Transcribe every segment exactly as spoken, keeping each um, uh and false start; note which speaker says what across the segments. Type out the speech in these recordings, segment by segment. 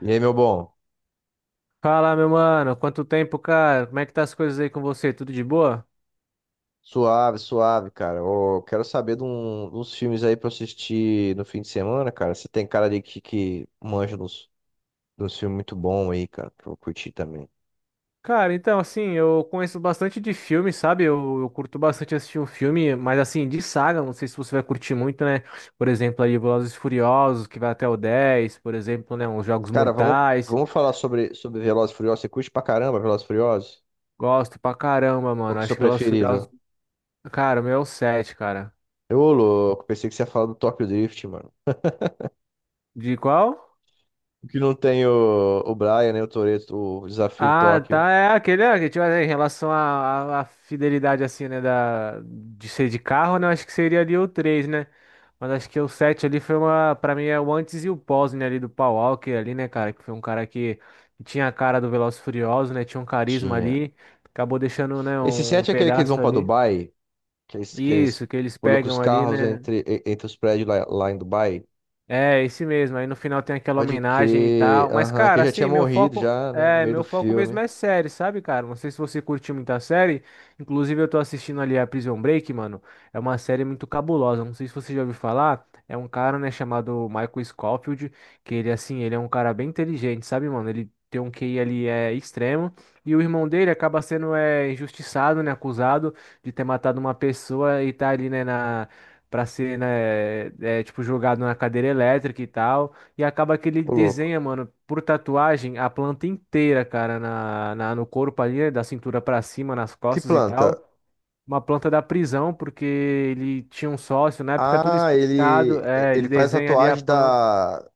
Speaker 1: E aí, meu bom?
Speaker 2: Fala, meu mano, quanto tempo, cara? Como é que tá as coisas aí com você? Tudo de boa?
Speaker 1: Suave, suave, cara. Ô, quero saber de um- uns filmes aí pra eu assistir no fim de semana, cara. Você tem cara de que, que manja dos, dos filmes muito bom aí, cara, pra eu curtir também.
Speaker 2: Cara, então, assim, eu conheço bastante de filme, sabe? Eu, eu curto bastante assistir um filme, mas assim, de saga, não sei se você vai curtir muito, né? Por exemplo, aí Velozes e Furiosos, que vai até o dez por exemplo, né? Os Jogos
Speaker 1: Cara, vamos,
Speaker 2: Mortais.
Speaker 1: vamos falar sobre, sobre Velozes e Furiosos. Você curte pra caramba Velozes e Furiosos?
Speaker 2: Gosto pra caramba,
Speaker 1: Qual
Speaker 2: mano.
Speaker 1: que é o seu
Speaker 2: Acho que Velozes e Furiosos,
Speaker 1: preferido?
Speaker 2: cara, o meu é o sete, cara.
Speaker 1: Eu, louco, pensei que você ia falar do Tokyo Drift, mano.
Speaker 2: De qual?
Speaker 1: O que não tem o, o Brian, né, o Toretto, o Desafio em
Speaker 2: Ah,
Speaker 1: Tóquio.
Speaker 2: tá, é aquele, é, que, tipo, é, em relação à à- à fidelidade, assim, né, da, de ser de carro, né, eu acho que seria ali o três, né, mas acho que o sete ali foi uma, pra mim é o antes e o pós, né, ali do Paul Walker ali, né, cara, que foi um cara que, que tinha a cara do Velozes e Furiosos, né, tinha um carisma
Speaker 1: Tinha.
Speaker 2: ali, acabou deixando, né,
Speaker 1: Esse
Speaker 2: um
Speaker 1: sete é aquele que eles vão
Speaker 2: pedaço
Speaker 1: pra
Speaker 2: ali,
Speaker 1: Dubai? Que eles, que eles
Speaker 2: isso, que eles
Speaker 1: colocam os
Speaker 2: pegam ali,
Speaker 1: carros
Speaker 2: né.
Speaker 1: entre, e- entre os prédios lá, lá em Dubai.
Speaker 2: É, esse mesmo. Aí no final tem aquela
Speaker 1: Pode
Speaker 2: homenagem e
Speaker 1: crer.
Speaker 2: tal. Mas,
Speaker 1: Aham, que
Speaker 2: cara,
Speaker 1: ele já tinha
Speaker 2: assim, meu
Speaker 1: morrido
Speaker 2: foco.
Speaker 1: já, né? No
Speaker 2: É,
Speaker 1: meio do
Speaker 2: meu foco mesmo
Speaker 1: filme.
Speaker 2: é série, sabe, cara? Não sei se você curtiu muita série. Inclusive, eu tô assistindo ali a Prison Break, mano. É uma série muito cabulosa. Não sei se você já ouviu falar. É um cara, né, chamado Michael Scofield, que ele, assim, ele é um cara bem inteligente, sabe, mano? Ele tem um Q I ali é extremo. E o irmão dele acaba sendo é, injustiçado, né, acusado de ter matado uma pessoa e tá ali, né, na. Pra ser, né, é, é, tipo, jogado na cadeira elétrica e tal. E acaba que ele
Speaker 1: Ô, louco.
Speaker 2: desenha, mano, por tatuagem, a planta inteira, cara, na, na- no corpo ali, né, da cintura pra cima, nas
Speaker 1: Que
Speaker 2: costas e
Speaker 1: planta?
Speaker 2: tal. Uma planta da prisão, porque ele tinha um sócio, na época é tudo
Speaker 1: Ah,
Speaker 2: explicado.
Speaker 1: ele,
Speaker 2: É, ele
Speaker 1: ele faz
Speaker 2: desenha ali a
Speaker 1: tatuagem
Speaker 2: planta.
Speaker 1: da,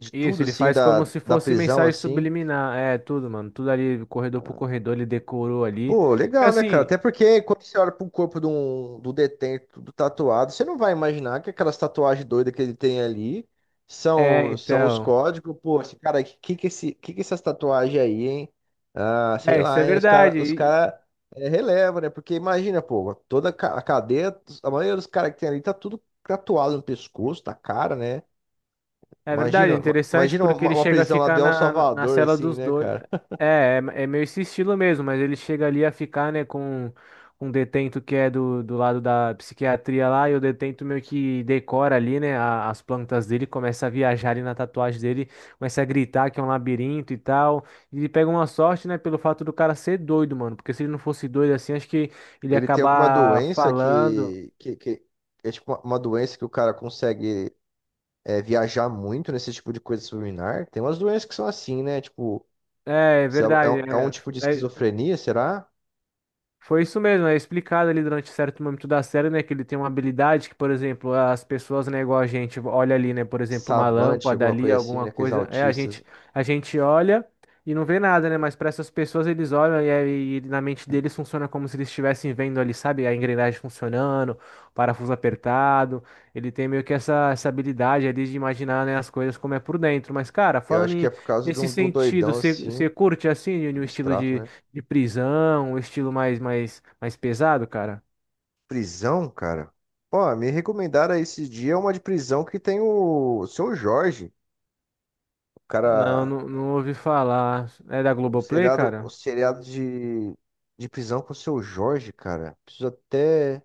Speaker 1: de
Speaker 2: Isso,
Speaker 1: tudo,
Speaker 2: ele
Speaker 1: assim,
Speaker 2: faz como
Speaker 1: da,
Speaker 2: se
Speaker 1: da
Speaker 2: fosse
Speaker 1: prisão,
Speaker 2: mensagem
Speaker 1: assim.
Speaker 2: subliminar. É, tudo, mano, tudo ali, corredor por corredor, ele decorou ali.
Speaker 1: Pô,
Speaker 2: Porque
Speaker 1: legal, né, cara?
Speaker 2: assim,
Speaker 1: Até porque quando você olha pro corpo de um, do detento, do tatuado, você não vai imaginar que aquelas tatuagens doidas que ele tem ali
Speaker 2: é,
Speaker 1: são, são os
Speaker 2: então.
Speaker 1: códigos. Pô, esse cara, que que que esse, que que essas tatuagens aí, hein? Ah, sei
Speaker 2: É, isso é
Speaker 1: lá, hein? Os cara, os
Speaker 2: verdade.
Speaker 1: cara é, releva, né? Porque imagina, pô, toda ca- a cadeia, a maioria dos caras que tem ali tá tudo tatuado no pescoço, na cara, né?
Speaker 2: É verdade, é
Speaker 1: Imagina, ma-
Speaker 2: interessante
Speaker 1: imagina
Speaker 2: porque
Speaker 1: uma,
Speaker 2: ele
Speaker 1: uma
Speaker 2: chega a
Speaker 1: prisão lá de
Speaker 2: ficar
Speaker 1: El
Speaker 2: na, na
Speaker 1: Salvador,
Speaker 2: cela
Speaker 1: assim,
Speaker 2: dos
Speaker 1: né,
Speaker 2: dois.
Speaker 1: cara?
Speaker 2: É, é, é meio esse estilo mesmo, mas ele chega ali a ficar, né, com com um detento que é do, do lado da psiquiatria lá, e o detento meio que decora ali, né, a- as plantas dele, começa a viajar ali na tatuagem dele, começa a gritar que é um labirinto e tal. E ele pega uma sorte, né, pelo fato do cara ser doido, mano, porque se ele não fosse doido assim, acho que ele ia
Speaker 1: Ele tem alguma
Speaker 2: acabar
Speaker 1: doença
Speaker 2: falando.
Speaker 1: que, que, que é tipo uma uma doença que o cara consegue é, viajar muito nesse tipo de coisa subliminar? Tem umas doenças que são assim, né? Tipo,
Speaker 2: É, é
Speaker 1: se é, é
Speaker 2: verdade.
Speaker 1: um é um tipo de
Speaker 2: é- é-
Speaker 1: esquizofrenia, será?
Speaker 2: Foi isso mesmo, é explicado ali durante certo momento da série, né, que ele tem uma habilidade que, por exemplo, as pessoas, né, igual a gente olha ali, né, por exemplo, uma
Speaker 1: Savante,
Speaker 2: lâmpada
Speaker 1: alguma
Speaker 2: ali,
Speaker 1: coisa assim,
Speaker 2: alguma
Speaker 1: né? Aqueles
Speaker 2: coisa, é a gente
Speaker 1: autistas.
Speaker 2: a gente olha e não vê nada, né, mas para essas pessoas eles olham e, aí na mente deles funciona como se eles estivessem vendo ali, sabe, a engrenagem funcionando, o parafuso apertado. Ele tem meio que essa essa habilidade ali de imaginar, né, as coisas como é por dentro. Mas cara,
Speaker 1: Eu
Speaker 2: falando
Speaker 1: acho que
Speaker 2: em,
Speaker 1: é por causa de
Speaker 2: nesse
Speaker 1: um, de um
Speaker 2: sentido,
Speaker 1: doidão
Speaker 2: você
Speaker 1: assim,
Speaker 2: você curte assim, no estilo
Speaker 1: abstrato, né?
Speaker 2: de prisão, um estilo mais, mais, mais pesado, cara?
Speaker 1: Prisão, cara. Ó, me recomendaram esses dias uma de prisão que tem o, o seu Jorge, o
Speaker 2: Não,
Speaker 1: cara.
Speaker 2: não, não ouvi falar. É da
Speaker 1: O
Speaker 2: Globoplay,
Speaker 1: seriado, o
Speaker 2: cara?
Speaker 1: seriado de, de prisão com o seu Jorge, cara. Preciso até,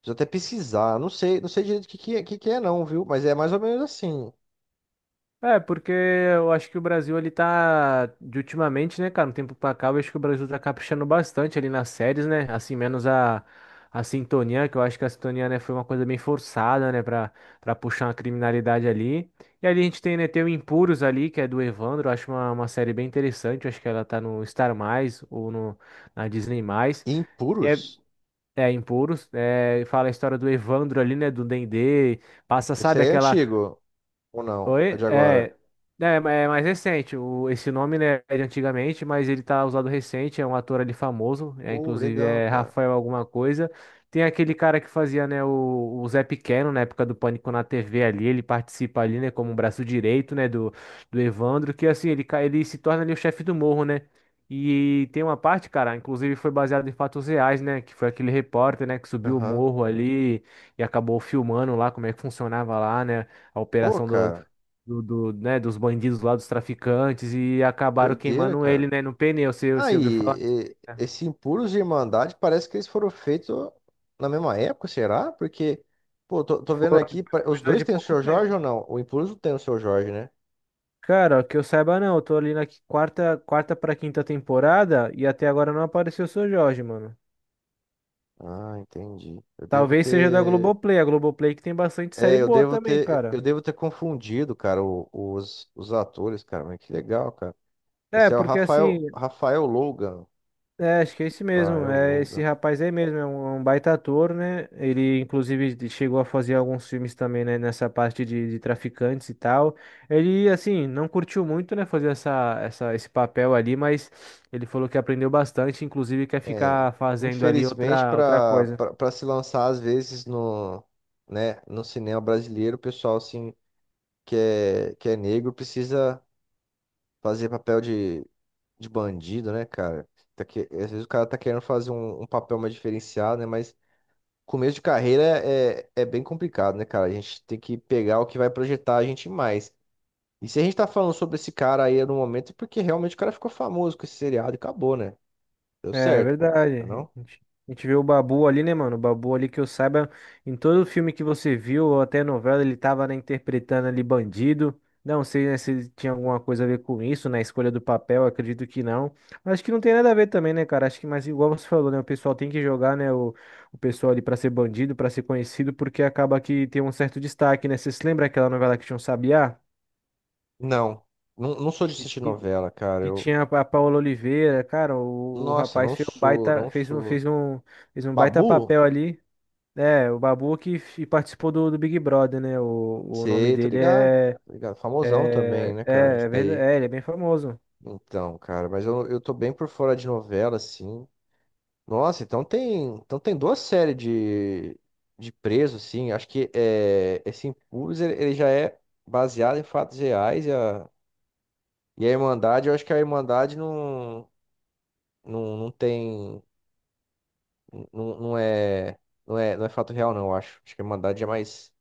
Speaker 1: preciso até pesquisar. Não sei, não sei direito o que, que, é, que que é não, viu? Mas é mais ou menos assim.
Speaker 2: É, porque eu acho que o Brasil, ele tá, de ultimamente, né, cara, um tempo pra cá, eu acho que o Brasil tá caprichando bastante ali nas séries, né, assim, menos a, a sintonia, que eu acho que a sintonia, né, foi uma coisa bem forçada, né, pra, pra puxar uma criminalidade ali. E ali a gente tem, né, tem o Impuros ali, que é do Evandro, eu acho uma, uma série bem interessante, eu acho que ela tá no Star+, mais ou no, na Disney+. Mais.
Speaker 1: E Impuros?
Speaker 2: É, Impuros, é, fala a história do Evandro ali, né, do Dendê, passa,
Speaker 1: Esse
Speaker 2: sabe,
Speaker 1: aí é
Speaker 2: aquela.
Speaker 1: antigo ou não? É
Speaker 2: Oi?
Speaker 1: de agora.
Speaker 2: É, é, ma- é mais recente. O, esse nome, né, é de antigamente, mas ele tá usado recente. É um ator ali famoso. É,
Speaker 1: Oh,
Speaker 2: inclusive
Speaker 1: legal,
Speaker 2: é
Speaker 1: cara.
Speaker 2: Rafael alguma coisa. Tem aquele cara que fazia, né, o, o Zé Pequeno na época do Pânico na T V ali. Ele participa ali, né, como um braço direito, né, do, do Evandro. Que assim, ele, ca- ele se torna ali o chefe do morro, né? E tem uma parte, cara, inclusive foi baseado em fatos reais, né? Que foi aquele repórter, né, que subiu o
Speaker 1: Aham.
Speaker 2: morro ali e acabou filmando lá como é que funcionava lá, né? A
Speaker 1: Pô,
Speaker 2: operação do,
Speaker 1: cara,
Speaker 2: do, do, né, dos bandidos lá, dos traficantes, e acabaram
Speaker 1: doideira,
Speaker 2: queimando ele,
Speaker 1: cara.
Speaker 2: né, no pneu, você, você ouviu falar? Disso,
Speaker 1: Aí, e-
Speaker 2: né?
Speaker 1: esse Impuros de Irmandade parece que eles foram feitos na mesma época, será? Porque, pô, tô, tô vendo aqui,
Speaker 2: Foi
Speaker 1: pa- os
Speaker 2: coisa
Speaker 1: dois
Speaker 2: de
Speaker 1: têm o
Speaker 2: pouco
Speaker 1: seu Jorge
Speaker 2: tempo.
Speaker 1: ou não? O Impuros não tem o seu Jorge, né?
Speaker 2: Cara, que eu saiba não, eu tô ali na qui- quarta, quarta pra quinta temporada e até agora não apareceu o Seu Jorge, mano.
Speaker 1: Ah, entendi. Eu devo
Speaker 2: Talvez seja da
Speaker 1: ter.
Speaker 2: Globoplay, a Globoplay que tem bastante série
Speaker 1: É, eu
Speaker 2: boa
Speaker 1: devo
Speaker 2: também,
Speaker 1: ter. Eu
Speaker 2: cara.
Speaker 1: devo ter confundido, cara, o- os, os atores, cara. Mas que legal, cara.
Speaker 2: É,
Speaker 1: Esse é o
Speaker 2: porque
Speaker 1: Rafael,
Speaker 2: assim,
Speaker 1: Rafael Logan.
Speaker 2: é, acho que é esse mesmo.
Speaker 1: Rafael
Speaker 2: É esse
Speaker 1: Logan.
Speaker 2: rapaz aí mesmo, é um, é um baita ator, né? Ele, inclusive, de- chegou a fazer alguns filmes também, né? Nessa parte de, de traficantes e tal. Ele, assim, não curtiu muito, né? Fazer essa, essa, esse papel ali, mas ele falou que aprendeu bastante, inclusive quer
Speaker 1: É,
Speaker 2: ficar fazendo ali
Speaker 1: infelizmente,
Speaker 2: outra, outra
Speaker 1: para
Speaker 2: coisa.
Speaker 1: para se lançar, às vezes, no, né, no cinema brasileiro, o pessoal, assim, que é, que é negro, precisa fazer papel de, de bandido, né, cara? Tá que, às vezes o cara tá querendo fazer um, um papel mais diferenciado, né? Mas começo de carreira é, é é bem complicado, né, cara? A gente tem que pegar o que vai projetar a gente mais. E se a gente tá falando sobre esse cara aí no momento, é porque realmente o cara ficou famoso com esse seriado e acabou, né? Deu
Speaker 2: É é
Speaker 1: certo, pô.
Speaker 2: verdade.
Speaker 1: Não? É.
Speaker 2: A gente, a gente vê o Babu ali, né, mano? O Babu ali que eu saiba, em todo filme que você viu, ou até novela, ele tava, né, interpretando ali bandido. Não sei, né, se ele tinha alguma coisa a ver com isso, na escolha do papel, acredito que não. Mas acho que não tem nada a ver também, né, cara? Acho que, mas igual você falou, né, o pessoal tem que jogar, né, o, o pessoal ali pra ser bandido, pra ser conhecido, porque acaba que tem um certo destaque, né? Você se lembra aquela novela que tinha um Sabiá?
Speaker 1: Não, não, não não sou de assistir novela, cara.
Speaker 2: E
Speaker 1: Eu,
Speaker 2: tinha a Paola Oliveira, cara, o, o
Speaker 1: nossa,
Speaker 2: rapaz
Speaker 1: não
Speaker 2: fez um
Speaker 1: sou,
Speaker 2: baita,
Speaker 1: não
Speaker 2: fez um,
Speaker 1: sou.
Speaker 2: fez um, fez um baita
Speaker 1: Babu?
Speaker 2: papel ali. É, o Babu que f- participou do, do Big Brother, né? O, o nome
Speaker 1: Sei, tô
Speaker 2: dele
Speaker 1: ligado,
Speaker 2: é,
Speaker 1: tô ligado. Famosão também,
Speaker 2: é,
Speaker 1: né,
Speaker 2: é,
Speaker 1: cara? Isso
Speaker 2: é verdade,
Speaker 1: daí.
Speaker 2: é, ele é bem famoso.
Speaker 1: Então, cara, mas eu, eu tô bem por fora de novela, assim. Nossa, então tem, então tem duas séries de, de presos, sim. Acho que é, esse Impuros ele, ele já é baseado em fatos reais e a, e a Irmandade, eu acho que a Irmandade não, não, não tem, não, não é, não é, não é fato real, não, eu acho. Acho que a Irmandade é mais,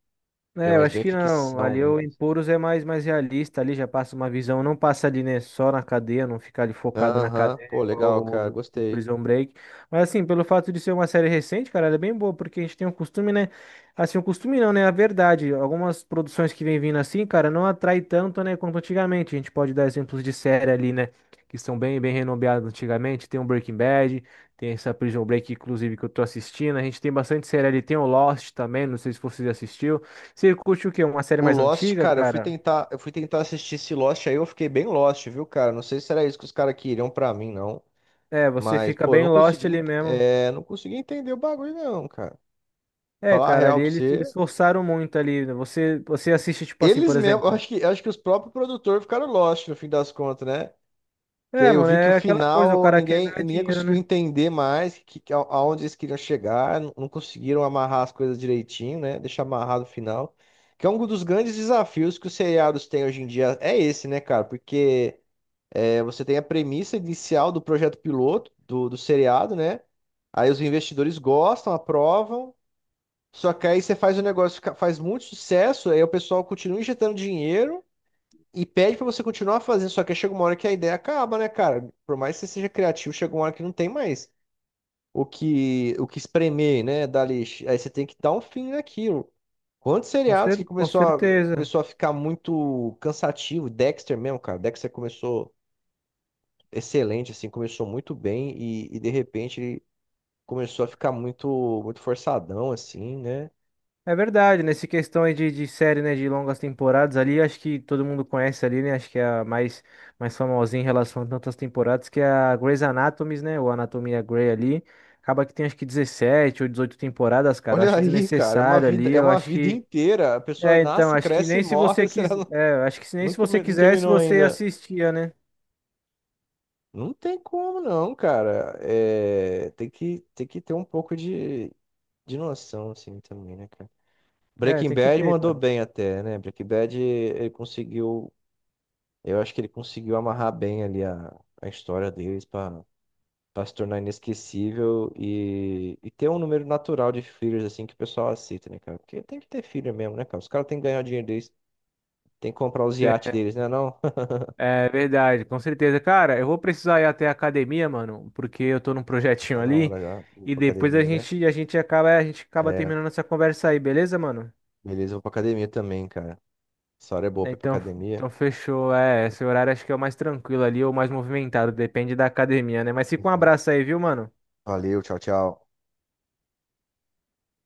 Speaker 1: já é
Speaker 2: É, eu
Speaker 1: mais
Speaker 2: acho
Speaker 1: bem
Speaker 2: que não.
Speaker 1: ficção
Speaker 2: Ali o
Speaker 1: mesmo.
Speaker 2: Empuros é mais, mais realista, ali já passa uma visão, não passa ali, né, só na cadeia, não fica ali focado na
Speaker 1: Aham.
Speaker 2: cadeia
Speaker 1: Pô,
Speaker 2: igual
Speaker 1: legal, cara,
Speaker 2: o, o
Speaker 1: gostei.
Speaker 2: Prison Break. Mas assim, pelo fato de ser uma série recente, cara, ela é bem boa, porque a gente tem um costume, né, assim, um costume não, né, a verdade, algumas produções que vem vindo assim, cara, não atrai tanto, né, quanto antigamente. A gente pode dar exemplos de série ali, né, que são bem, bem renomeadas antigamente, tem o Breaking Bad, tem essa Prison Break, inclusive, que eu tô assistindo, a gente tem bastante série ali, tem o Lost também, não sei se vocês assistiram você curte o quê? Uma série
Speaker 1: O
Speaker 2: mais
Speaker 1: Lost,
Speaker 2: antiga,
Speaker 1: cara, eu fui
Speaker 2: cara?
Speaker 1: tentar, eu fui tentar assistir esse Lost aí, eu fiquei bem Lost, viu, cara? Não sei se era isso que os caras queriam pra mim, não.
Speaker 2: É, você
Speaker 1: Mas,
Speaker 2: fica
Speaker 1: pô, eu
Speaker 2: bem
Speaker 1: não
Speaker 2: lost
Speaker 1: consegui,
Speaker 2: ali
Speaker 1: ent-
Speaker 2: mesmo.
Speaker 1: é, não consegui entender o bagulho, não, cara.
Speaker 2: É,
Speaker 1: Falar a
Speaker 2: cara,
Speaker 1: real
Speaker 2: ali
Speaker 1: pra
Speaker 2: eles, eles
Speaker 1: você.
Speaker 2: forçaram muito ali. Né? Você, você assiste, tipo assim,
Speaker 1: Eles
Speaker 2: por
Speaker 1: mesmo, eu
Speaker 2: exemplo.
Speaker 1: acho que, acho que os próprios produtores ficaram lost no fim das contas, né? Que aí
Speaker 2: É,
Speaker 1: eu
Speaker 2: mano,
Speaker 1: vi que o
Speaker 2: é aquela coisa, o
Speaker 1: final
Speaker 2: cara quer
Speaker 1: ninguém,
Speaker 2: ganhar
Speaker 1: ninguém
Speaker 2: dinheiro,
Speaker 1: conseguiu
Speaker 2: né?
Speaker 1: entender mais que, que a- aonde eles queriam chegar, não não conseguiram amarrar as coisas direitinho, né? Deixar amarrado o final. Que é um dos grandes desafios que os seriados têm hoje em dia, é esse, né, cara? Porque. É, você tem a premissa inicial do projeto piloto, do, do seriado, né? Aí os investidores gostam, aprovam. Só que aí você faz o negócio, fica- faz muito sucesso, aí o pessoal continua injetando dinheiro e pede pra você continuar fazendo. Só que aí chega uma hora que a ideia acaba, né, cara? Por mais que você seja criativo, chega uma hora que não tem mais o que, o que espremer, né, dali. Aí você tem que dar um fim naquilo. Quantos
Speaker 2: Com,
Speaker 1: seriados que
Speaker 2: cer com
Speaker 1: começou a,
Speaker 2: certeza.
Speaker 1: começou a ficar muito cansativo? Dexter mesmo, cara. Dexter começou excelente, assim, começou muito bem e, e de repente ele começou a ficar muito, muito forçadão, assim, né?
Speaker 2: É verdade, nessa questão aí de, de série, né, de longas temporadas ali, acho que todo mundo conhece ali, né? Acho que é a mais, mais famosinha em relação a tantas temporadas, que é a Grey's Anatomy, né? Ou Anatomia Grey ali. Acaba que tem acho que dezessete ou dezoito temporadas, cara. Eu
Speaker 1: Olha
Speaker 2: acho
Speaker 1: aí, cara, é uma
Speaker 2: desnecessário
Speaker 1: vida,
Speaker 2: ali,
Speaker 1: é
Speaker 2: eu
Speaker 1: uma
Speaker 2: acho
Speaker 1: vida
Speaker 2: que.
Speaker 1: inteira. A pessoa
Speaker 2: É, então,
Speaker 1: nasce,
Speaker 2: acho que
Speaker 1: cresce e
Speaker 2: nem se você
Speaker 1: morre. Será que
Speaker 2: quiser.
Speaker 1: não,
Speaker 2: É, acho que se- nem
Speaker 1: não,
Speaker 2: se você
Speaker 1: come- não
Speaker 2: quisesse,
Speaker 1: terminou
Speaker 2: você
Speaker 1: ainda?
Speaker 2: assistia, né?
Speaker 1: Não tem como, não, cara. É, tem que, tem que ter um pouco de, de noção, assim, também, né, cara?
Speaker 2: É,
Speaker 1: Breaking
Speaker 2: tem que
Speaker 1: Bad
Speaker 2: ter,
Speaker 1: mandou
Speaker 2: cara.
Speaker 1: bem até, né? Breaking Bad, ele conseguiu. Eu acho que ele conseguiu amarrar bem ali a, a história deles pra. Pra se tornar inesquecível e, e ter um número natural de fillers, assim, que o pessoal aceita, né, cara? Porque tem que ter filler mesmo, né, cara? Os caras têm que ganhar o dinheiro deles, tem que comprar os iates
Speaker 2: Tem-
Speaker 1: deles, né, não?
Speaker 2: É verdade, com certeza. Cara, eu vou precisar ir até a academia, mano, porque eu tô num projetinho
Speaker 1: Tá na
Speaker 2: ali.
Speaker 1: hora já, vou
Speaker 2: E
Speaker 1: pra
Speaker 2: depois a
Speaker 1: academia, né?
Speaker 2: gente, a gente acaba, a gente acaba
Speaker 1: É,
Speaker 2: terminando essa conversa aí, beleza, mano?
Speaker 1: beleza, eu vou pra academia também, cara. Essa hora é boa
Speaker 2: É,
Speaker 1: pra ir pra
Speaker 2: Então,
Speaker 1: academia.
Speaker 2: então fechou. É, esse horário acho que é o mais tranquilo ali, ou mais movimentado, depende da academia, né? Mas fica um
Speaker 1: Uhum.
Speaker 2: abraço aí, viu, mano?
Speaker 1: Valeu, tchau, tchau.